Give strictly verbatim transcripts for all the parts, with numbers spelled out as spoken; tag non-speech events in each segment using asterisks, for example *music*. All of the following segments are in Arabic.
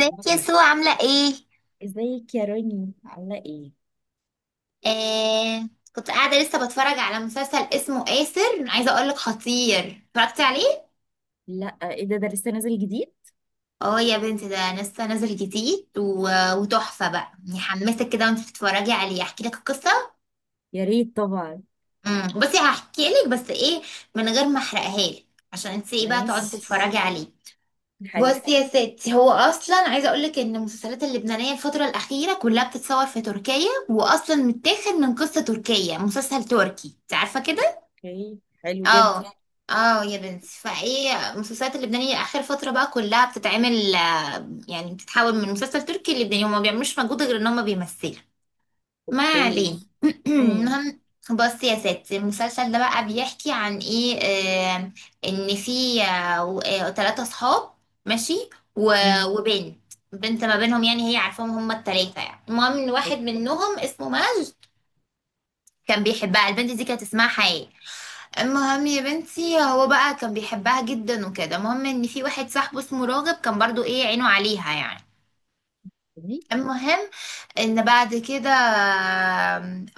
ازيك يا سو، عاملة ايه؟ ازيك يا روني عاملة ايه؟ آه. كنت قاعدة لسه بتفرج على مسلسل اسمه آسر، عايزة اقولك خطير، اتفرجتي عليه؟ لا، ايه ده ده لسه نازل جديد؟ اه يا بنتي، ده لسه نازل جديد و... وتحفة بقى، يحمسك كده وانت بتتفرجي عليه. احكي لك القصة. يا ريت طبعا. امم بصي، هحكي لك بس ايه، من غير ما احرقها لك، عشان انت ايه بقى تقعدي ماشي. تتفرجي عليه. حلو. بصي يا ستي، هو اصلا عايزه اقول لك ان المسلسلات اللبنانيه الفتره الاخيره كلها بتتصور في تركيا، واصلا متاخد من قصه تركيه، مسلسل تركي، انت عارفه كده. اوكي، حلو جدا. اه. اه يا بنتي، فايه المسلسلات اللبنانية اخر فترة بقى كلها بتتعمل، آه، يعني بتتحول من مسلسل تركي للبناني، هما ما بيعملوش مجهود غير ان هما بيمثلوا. ما اوكي. علينا. *clears throat* امم. المهم، بصي يا ستي، المسلسل ده بقى بيحكي عن ايه. آه ان في ثلاثة صحاب، ماشي، و- امم. وبنت، بنت ما بينهم، يعني هي عارفاهم هما التلاتة، يعني المهم ان واحد منهم اسمه ماج، كان بيحبها. البنت دي كانت اسمها حياة. المهم يا بنتي، هو بقى كان بيحبها جدا وكده، المهم ان في واحد صاحبه اسمه راغب كان برضو ايه، عينه عليها يعني. اوكي. المهم ان بعد كده،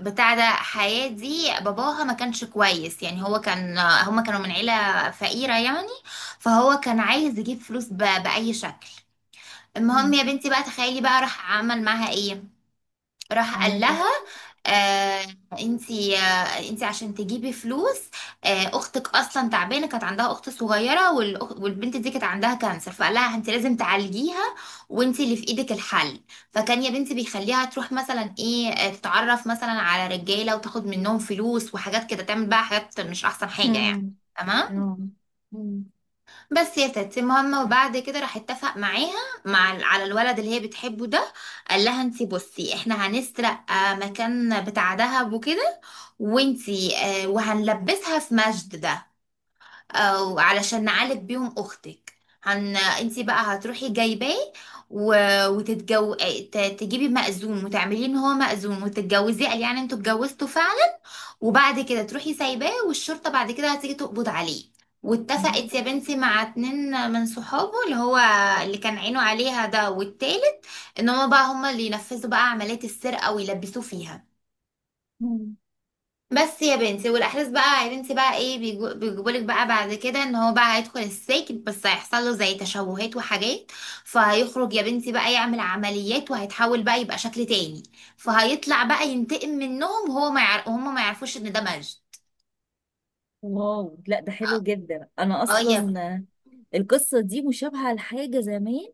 بتاع ده، حياة دي باباها ما كانش كويس يعني، هو كان، هما كانوا من عيلة فقيرة يعني، فهو كان عايز يجيب فلوس ب- بأي شكل. المهم أمم. يا بنتي بقى، تخيلي بقى راح عمل معاها ايه. راح قال اعمل ايه؟ لها، آه انتي آه انتي عشان تجيبي فلوس، آه اختك اصلا تعبانه، كانت عندها اخت صغيره، والأخ- والبنت دي كانت عندها كانسر، فقال لها انتي لازم تعالجيها، وانتي اللي في ايدك الحل. فكان يا بنتي بيخليها تروح مثلا ايه آه، تتعرف مثلا على رجاله وتاخد منهم فلوس وحاجات كده، تعمل بقى حاجات مش احسن حاجه يعني. امم. تمام. آه. أمم. بس يا ستي، المهم وبعد كده راح اتفق معاها، مع ال- على الولد اللي هي بتحبه ده. قال لها انتي بصي، احنا هنسرق آه، مكان بتاع دهب وكده، وانتي، آه، وهنلبسها في مجد ده، آه، علشان نعالج بيهم اختك، هن انتي بقى هتروحي جايباه و... وتتجو ت- تجيبي مأذون وتعمليه ان هو مأذون وتتجوزيه، قال يعني انتوا اتجوزتوا فعلا، وبعد كده تروحي سايباه، والشرطة بعد كده هتيجي تقبض عليه. واتفقت يا بنتي مع اتنين من صحابه، اللي هو اللي كان عينه عليها ده والتالت، ان هما بقى هما اللي ينفذوا بقى عملية السرقة ويلبسوه فيها. أمم. بس يا بنتي، والاحداث بقى يا بنتي بقى ايه، بيجو- بيجيبولك بقى بعد كده، ان هو بقى هيدخل السجن، بس هيحصل له زي تشوهات وحاجات، فهيخرج يا بنتي بقى يعمل عمليات، وهيتحول بقى يبقى شكل تاني، فهيطلع بقى ينتقم منهم، وهو ما يعرف، هما ما يعرفوش ان ده مجد. واو، لا ده حلو جدا. انا اه يا اصلا القصة دي مشابهة لحاجة زمان،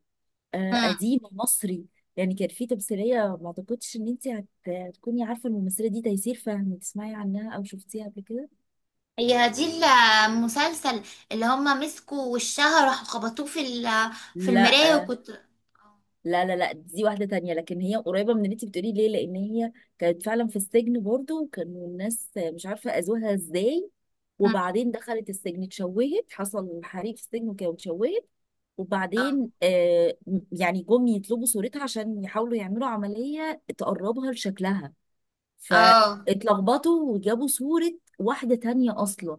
آه، مم. قديم مصري. يعني كان في تمثيلية، ما اعتقدش ان انت هت- هتكوني عارفة الممثلة دي، تيسير فهمي، تسمعي عنها او شفتيها قبل كده؟ هي هدي المسلسل، اللي هما مسكوا وشها راحوا خبطوه في ال- في لا، المراية، وكنت. لا، لا، لا، دي واحدة تانية، لكن هي قريبة من اللي انت بتقولي ليه، لان هي كانت فعلا في السجن برضو، وكانوا الناس مش عارفة اذوها ازاي. مم. وبعدين دخلت السجن، اتشوهت، حصل حريق في السجن وكده، واتشوهت. اه، وبعدين آه يعني جم يطلبوا صورتها عشان يحاولوا يعملوا عملية تقربها لشكلها، اه، فاتلخبطوا وجابوا صورة واحدة تانية أصلا.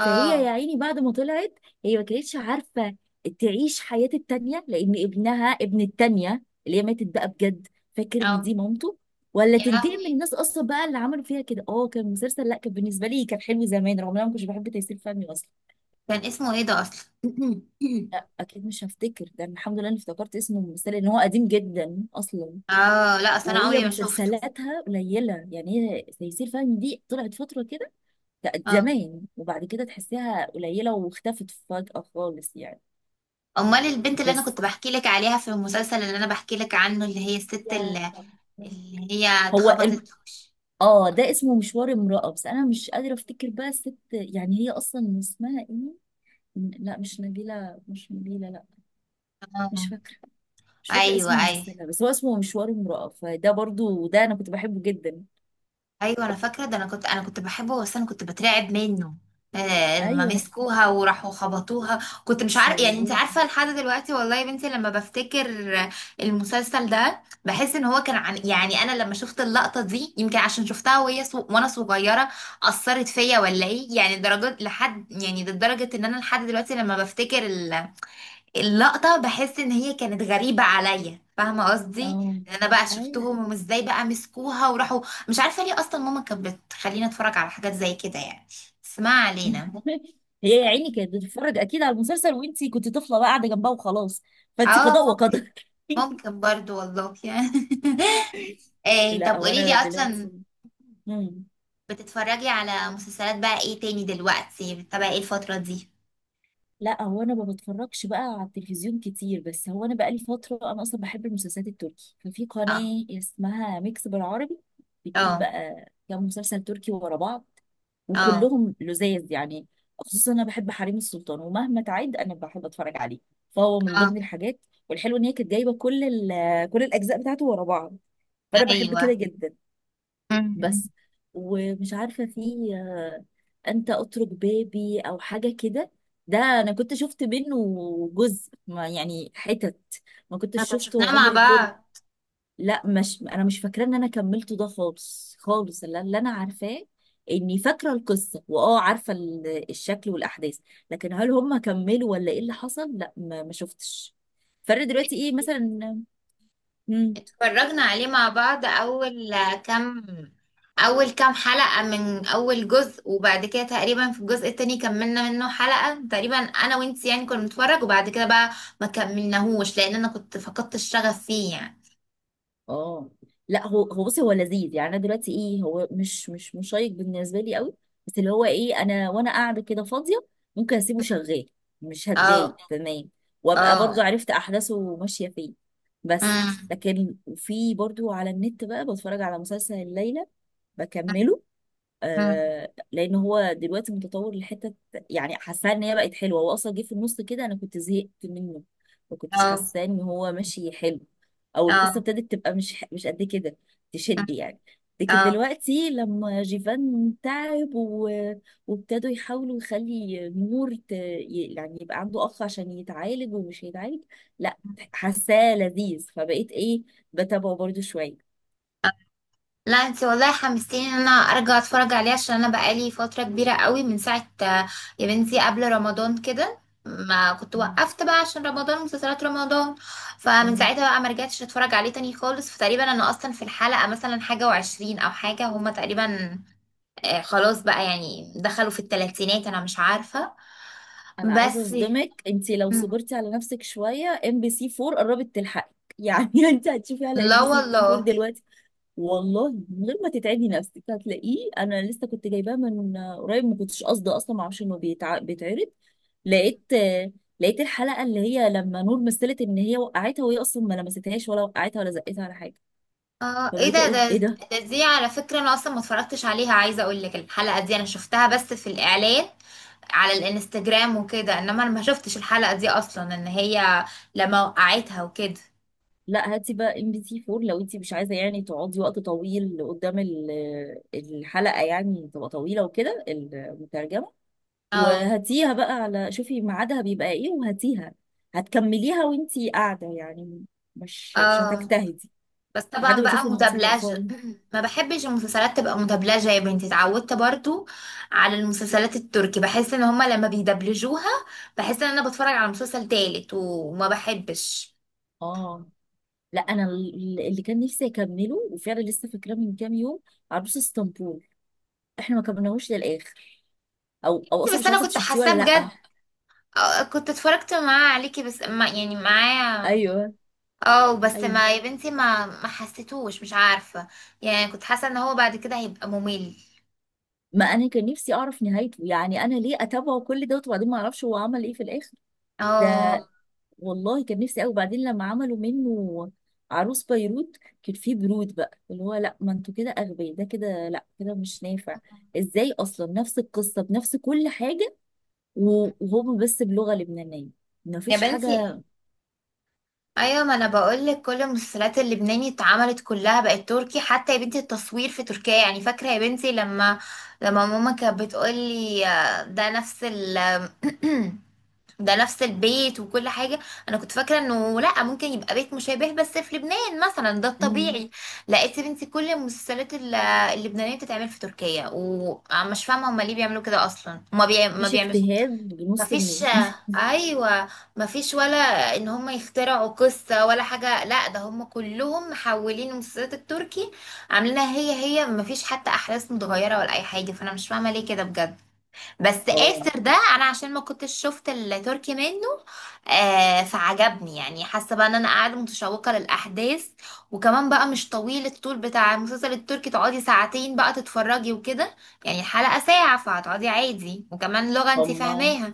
فهي يا عيني بعد ما طلعت، هي ما كانتش عارفة تعيش حياة التانية، لأن ابنها، ابن التانية اللي هي ماتت بقى بجد، فاكر إن آه. دي مامته، ولا يا تنتقم من لهوي، الناس أصلا بقى اللي عملوا فيها كده. اه، كان مسلسل، لا، كان بالنسبة لي كان حلو زمان، رغم إن أنا ما كنتش بحب تيسير فهمي أصلا. كان اسمه ايه ده اصلا؟ *clears throat* *laughs* أكيد مش هفتكر. ده أنا الحمد لله إني افتكرت اسمه الممثلة، لأن هو قديم جدا أصلا. اه لا، اصل انا وهي عمري ما شفته. مسلسلاتها قليلة. يعني هي تيسير فهمي دي طلعت فترة كده، كانت اه، زمان، وبعد كده تحسيها قليلة، واختفت فجأة خالص يعني. امال البنت اللي انا بس. كنت بحكي لك عليها في المسلسل اللي انا بحكي لك عنه، اللي هي الست يا اللي, رب. اللي هي هو الم... اتخبطت في وشها. اه، ده اسمه مشوار امرأة، بس انا مش قادرة افتكر بقى الست، يعني هي اصلا اسمها ايه. م- لا، مش نبيلة، مش نبيلة، لا. مش اه، فاكرة، مش فاكرة ايوه، اسم ايوه، الممثلة، بس هو اسمه مشوار امرأة، فده برضو ده انا كنت بحبه جدا. ايوه، انا فاكره ده، انا كنت انا كنت بحبه، بس انا كنت بترعب منه. آه لما ايوه، مسكوها وراحوا خبطوها، كنت مش عارف يعني، انت شوهوه. عارفه لحد دلوقتي، والله يا بنتي لما بفتكر آه، المسلسل ده، بحس ان هو كان عن، يعني انا لما شفت اللقطه دي، يمكن عشان شفتها وهي صو... وانا صغيره اثرت فيا، ولا ايه يعني، درجات لحد يعني، لدرجه ان انا لحد دلوقتي لما بفتكر اللقطة، بحس ان هي كانت غريبة عليا، فاهمة قصدي؟ اه، ان انا بقى ايوه. شفتهم، وازاي بقى مسكوها وراحوا، مش عارفة ليه اصلا ماما كانت بتخلينا نتفرج على حاجات زي كده يعني، بس ما علينا. هي يا عيني كانت بتتفرج اكيد على المسلسل، وانتي كنت طفله بقى قاعده جنبها وخلاص. فانتي اه قضاء ممكن، وقدر. ممكن برضو والله يعني. *laughs* *laughs* إيه؟ طب لا، قولي لي وانا اصلا، دلوقتي. مم. بتتفرجي على مسلسلات بقى ايه تاني دلوقتي، بتتابعي ايه الفترة دي؟ لا، هو انا ما بتفرجش بقى على التلفزيون كتير، بس هو انا بقالي فتره، انا اصلا بحب المسلسلات التركي، ففي اه، قناه اسمها ميكس بالعربي. بتجيب اه، بقى كام مسلسل تركي ورا بعض، اه، وكلهم لذاذ يعني. خصوصا انا بحب حريم السلطان، ومهما تعد انا بحب اتفرج عليه، فهو من اه، ضمن الحاجات. والحلو ان هي كانت جايبه كل ال- كل الاجزاء بتاعته ورا بعض، فانا بحب ايوه. كده جدا. م- م. بس. ومش عارفة في آه، أنت أترك بابي أو حاجة كده. ده أنا كنت شفت منه جزء، ما يعني حتت ما احنا كنتش كنا شفناها شفته مع عمري كله. لا، مش أنا مش فاكرة إن أنا كملته ده خالص. خالص اللي اللي أنا عارفاه إني فاكرة القصة، وأه عارفة ال- الشكل والأحداث. لكن هل هم كملوا ولا إيه اللي حصل؟ لا، ما ما شفتش فرق بعض، دلوقتي إيه مثلا. مم. اتفرجنا عليه مع بعض، اول كام اول كام حلقة من اول جزء، وبعد كده تقريبا في الجزء التاني كملنا منه حلقة تقريبا انا وانت، يعني كنا بنتفرج، وبعد كده بقى ما كملناهوش لان انا كنت فقدت الشغف فيه يعني. اه، لا هو هو بصي هو لذيذ يعني. انا دلوقتي ايه، هو مش مش مشيق بالنسبه لي قوي. بس اللي هو ايه، انا وانا قاعده كده فاضيه ممكن اسيبه شغال، مش اه، هتضايق تمام، وابقى اه، برضو عرفت احداثه ماشيه فين. بس. امم، لكن في برضو على النت بقى بتفرج على مسلسل الليلة بكمله، امم، آه لان هو دلوقتي متطور لحته. يعني حاساه ان هي بقت حلوه، هو اصلا جه في النص كده، انا كنت زهقت منه، ما كنتش اه، حاساه ان هو ماشي حلو، او القصه اه، ابتدت تبقى مش مش قد كده تشد يعني. لكن اه. دلوقتي لما جيفان تعب و... وابتدوا يحاولوا يخلي نور ت... ي- يعني يبقى عنده اخ عشان يتعالج، ومش هيتعالج. لا، حاساه لذيذ، فبقيت ايه بتابعه برضو شويه. لا انت والله حمستيني ان انا ارجع اتفرج عليه، عشان انا بقالي فتره كبيره قوي من ساعه، آه، يا بنتي، قبل رمضان كده ما كنت وقفت بقى عشان رمضان، مسلسلات رمضان، فمن اه، ساعتها بقى ما رجعتش اتفرج عليه تاني خالص، فتقريبا انا اصلا في الحلقه مثلا حاجه وعشرين او حاجه، هما تقريبا آه، خلاص بقى يعني دخلوا في الثلاثينات، انا مش عارفه. انا عايزه بس. اصدمك. انت لو صبرتي على نفسك شويه، ام بي سي اربعة قربت تلحقك يعني. *laughs* انت هتشوفي على ام لا بي سي فور والله. دلوقتي. والله من غير ما تتعبي نفسك هتلاقيه. انا لسه كنت جايباه من قريب، ما كنتش قاصده اصلا، ما اعرفش انه بيتع... بيتعرض. لقيت لقيت الحلقه اللي هي لما نور مثلت ان هي وقعتها، وهي اصلا ما لمستهاش ولا وقعتها ولا زقتها ولا حاجه. اه، ايه فبقيت ده، اقول ده ايه ده. ده دي على فكرة انا اصلا ما اتفرجتش عليها، عايزة اقول لك الحلقة دي انا شفتها بس في الاعلان، على الانستجرام وكده، انما انا ما شفتش الحلقة دي اصلا، ان هي لما وقعتها وكده. لا، هاتي بقى ام بي سي فور، لو انت مش عايزه يعني تقعدي وقت طويل قدام ال- آه، الحلقه، يعني تبقى طويله وكده المترجمه. اه، وهاتيها بقى، على شوفي ميعادها بيبقى ايه وهاتيها، هتكمليها وانت قاعده يعني، مش مش اه. هتجتهدي بس لحد طبعا ما بقى اشوف المقصه يبقى مدبلجة، فاضي. *clears throat* ما بحبش المسلسلات تبقى مدبلجة يا بنتي، اتعودت برضو على المسلسلات التركي، بحس ان هما لما بيدبلجوها بحس ان انا بتفرج على مسلسل تالت، وما بحبش. اه، لا انا ال- اللي كان نفسي اكمله وفعلا لسه فاكراه من كام يوم، عروس اسطنبول، احنا ما كملناهوش للاخر، او او اصلا بس مش انا عارفه انت كنت شفتيه حاساه ولا بجد. لا. اه، كنت اتفرجت معاه عليكي، بس ما يعني معاه. ايوه، اه، بس ايوه، ما يا بنتي، ما ما حسيتوش، مش عارفة، يعني كنت حاسة ان هو بعد كده هيبقى ممل. ما انا كان نفسي اعرف نهايته يعني. انا ليه اتابعه كل دوت وبعدين ما اعرفش هو عمل ايه في الاخر؟ ده اه والله كان نفسي قوي. وبعدين لما عملوا منه عروس بيروت، كان فيه برود بقى اللي هو لا، ما انتوا كده اغبياء، ده كده لا، كده مش نافع. ازاي اصلا نفس القصه بنفس كل حاجه، و- وهم بس بلغه لبنانيه، ما يا فيش بنتي، حاجه. ايوه، ما انا بقولك كل المسلسلات اللبناني اتعملت كلها بقت تركي، حتى يا بنتي التصوير في تركيا، يعني فاكره يا بنتي لما لما ماما كانت بتقولي، آه، ده نفس ال *clears throat* ده نفس البيت وكل حاجة، أنا كنت فاكرة إنه لأ، ممكن يبقى بيت مشابه بس في لبنان مثلا، ده مم. الطبيعي. لقيت يا بنتي كل المسلسلات ال- اللبنانية بتتعمل في تركيا، ومش فاهمة هما ليه بيعملوا كده أصلا، هما بيع... ما مفيش بيعملوا، اجتهاد ما بنص فيش، جنيه. *laughs* أيوة، ما فيش ولا إن هما يخترعوا قصة ولا حاجة، لأ ده هما كلهم محولين المسلسلات التركي، عاملينها هي هي، ما فيش حتى أحداث متغيرة ولا أي حاجة، فأنا مش فاهمة ليه كده بجد. بس اه، آسر ده، انا عشان ما كنتش شفت التركي منه، آه فعجبني يعني، حاسه بقى ان انا قاعده متشوقه للاحداث، وكمان بقى مش طويل، الطول بتاع المسلسل التركي تقعدي ساعتين بقى تتفرجي وكده، يعني الحلقه ساعه، فهتقعدي عادي، وكمان لغه انت هم فاهماها،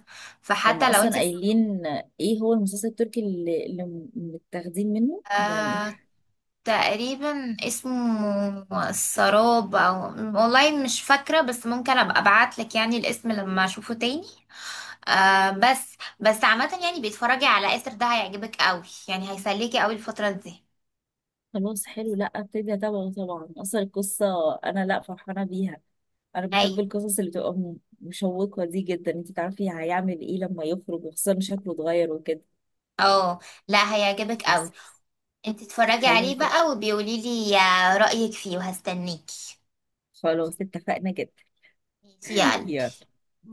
هم فحتى لو اصلا انت. قايلين ايه هو المسلسل التركي اللي, اللي متاخدين منه يعني. آه تقريبا اسمه السراب، او والله مش فاكره، بس ممكن ابقى ابعت لك يعني الاسم لما اشوفه تاني. آه بس بس عامة يعني، بيتفرجي على آسر ده، هيعجبك قوي يعني، هيسليكي قوي الفترة دي. خلاص حلو، لا، ابتدي اتابعه طبعا. اصلا القصه انا لا فرحانه بيها. انا بحب ايوه. القصص اللي بتبقى م- مشوقه دي جدا، انت تعرفي هيعمل ايه لما يخرج، وخصوصا شكله اتغير وكده. اه لا، هيعجبك قوي. بس. انت اتفرجي حلو عليه كده، بقى وبيقولي لي آه، رأيك فيه، وهستنيكي. خلاص، اتفقنا جدا. ماشي *laughs* يا قلبي. يلا،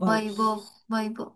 باي باي. باي باي.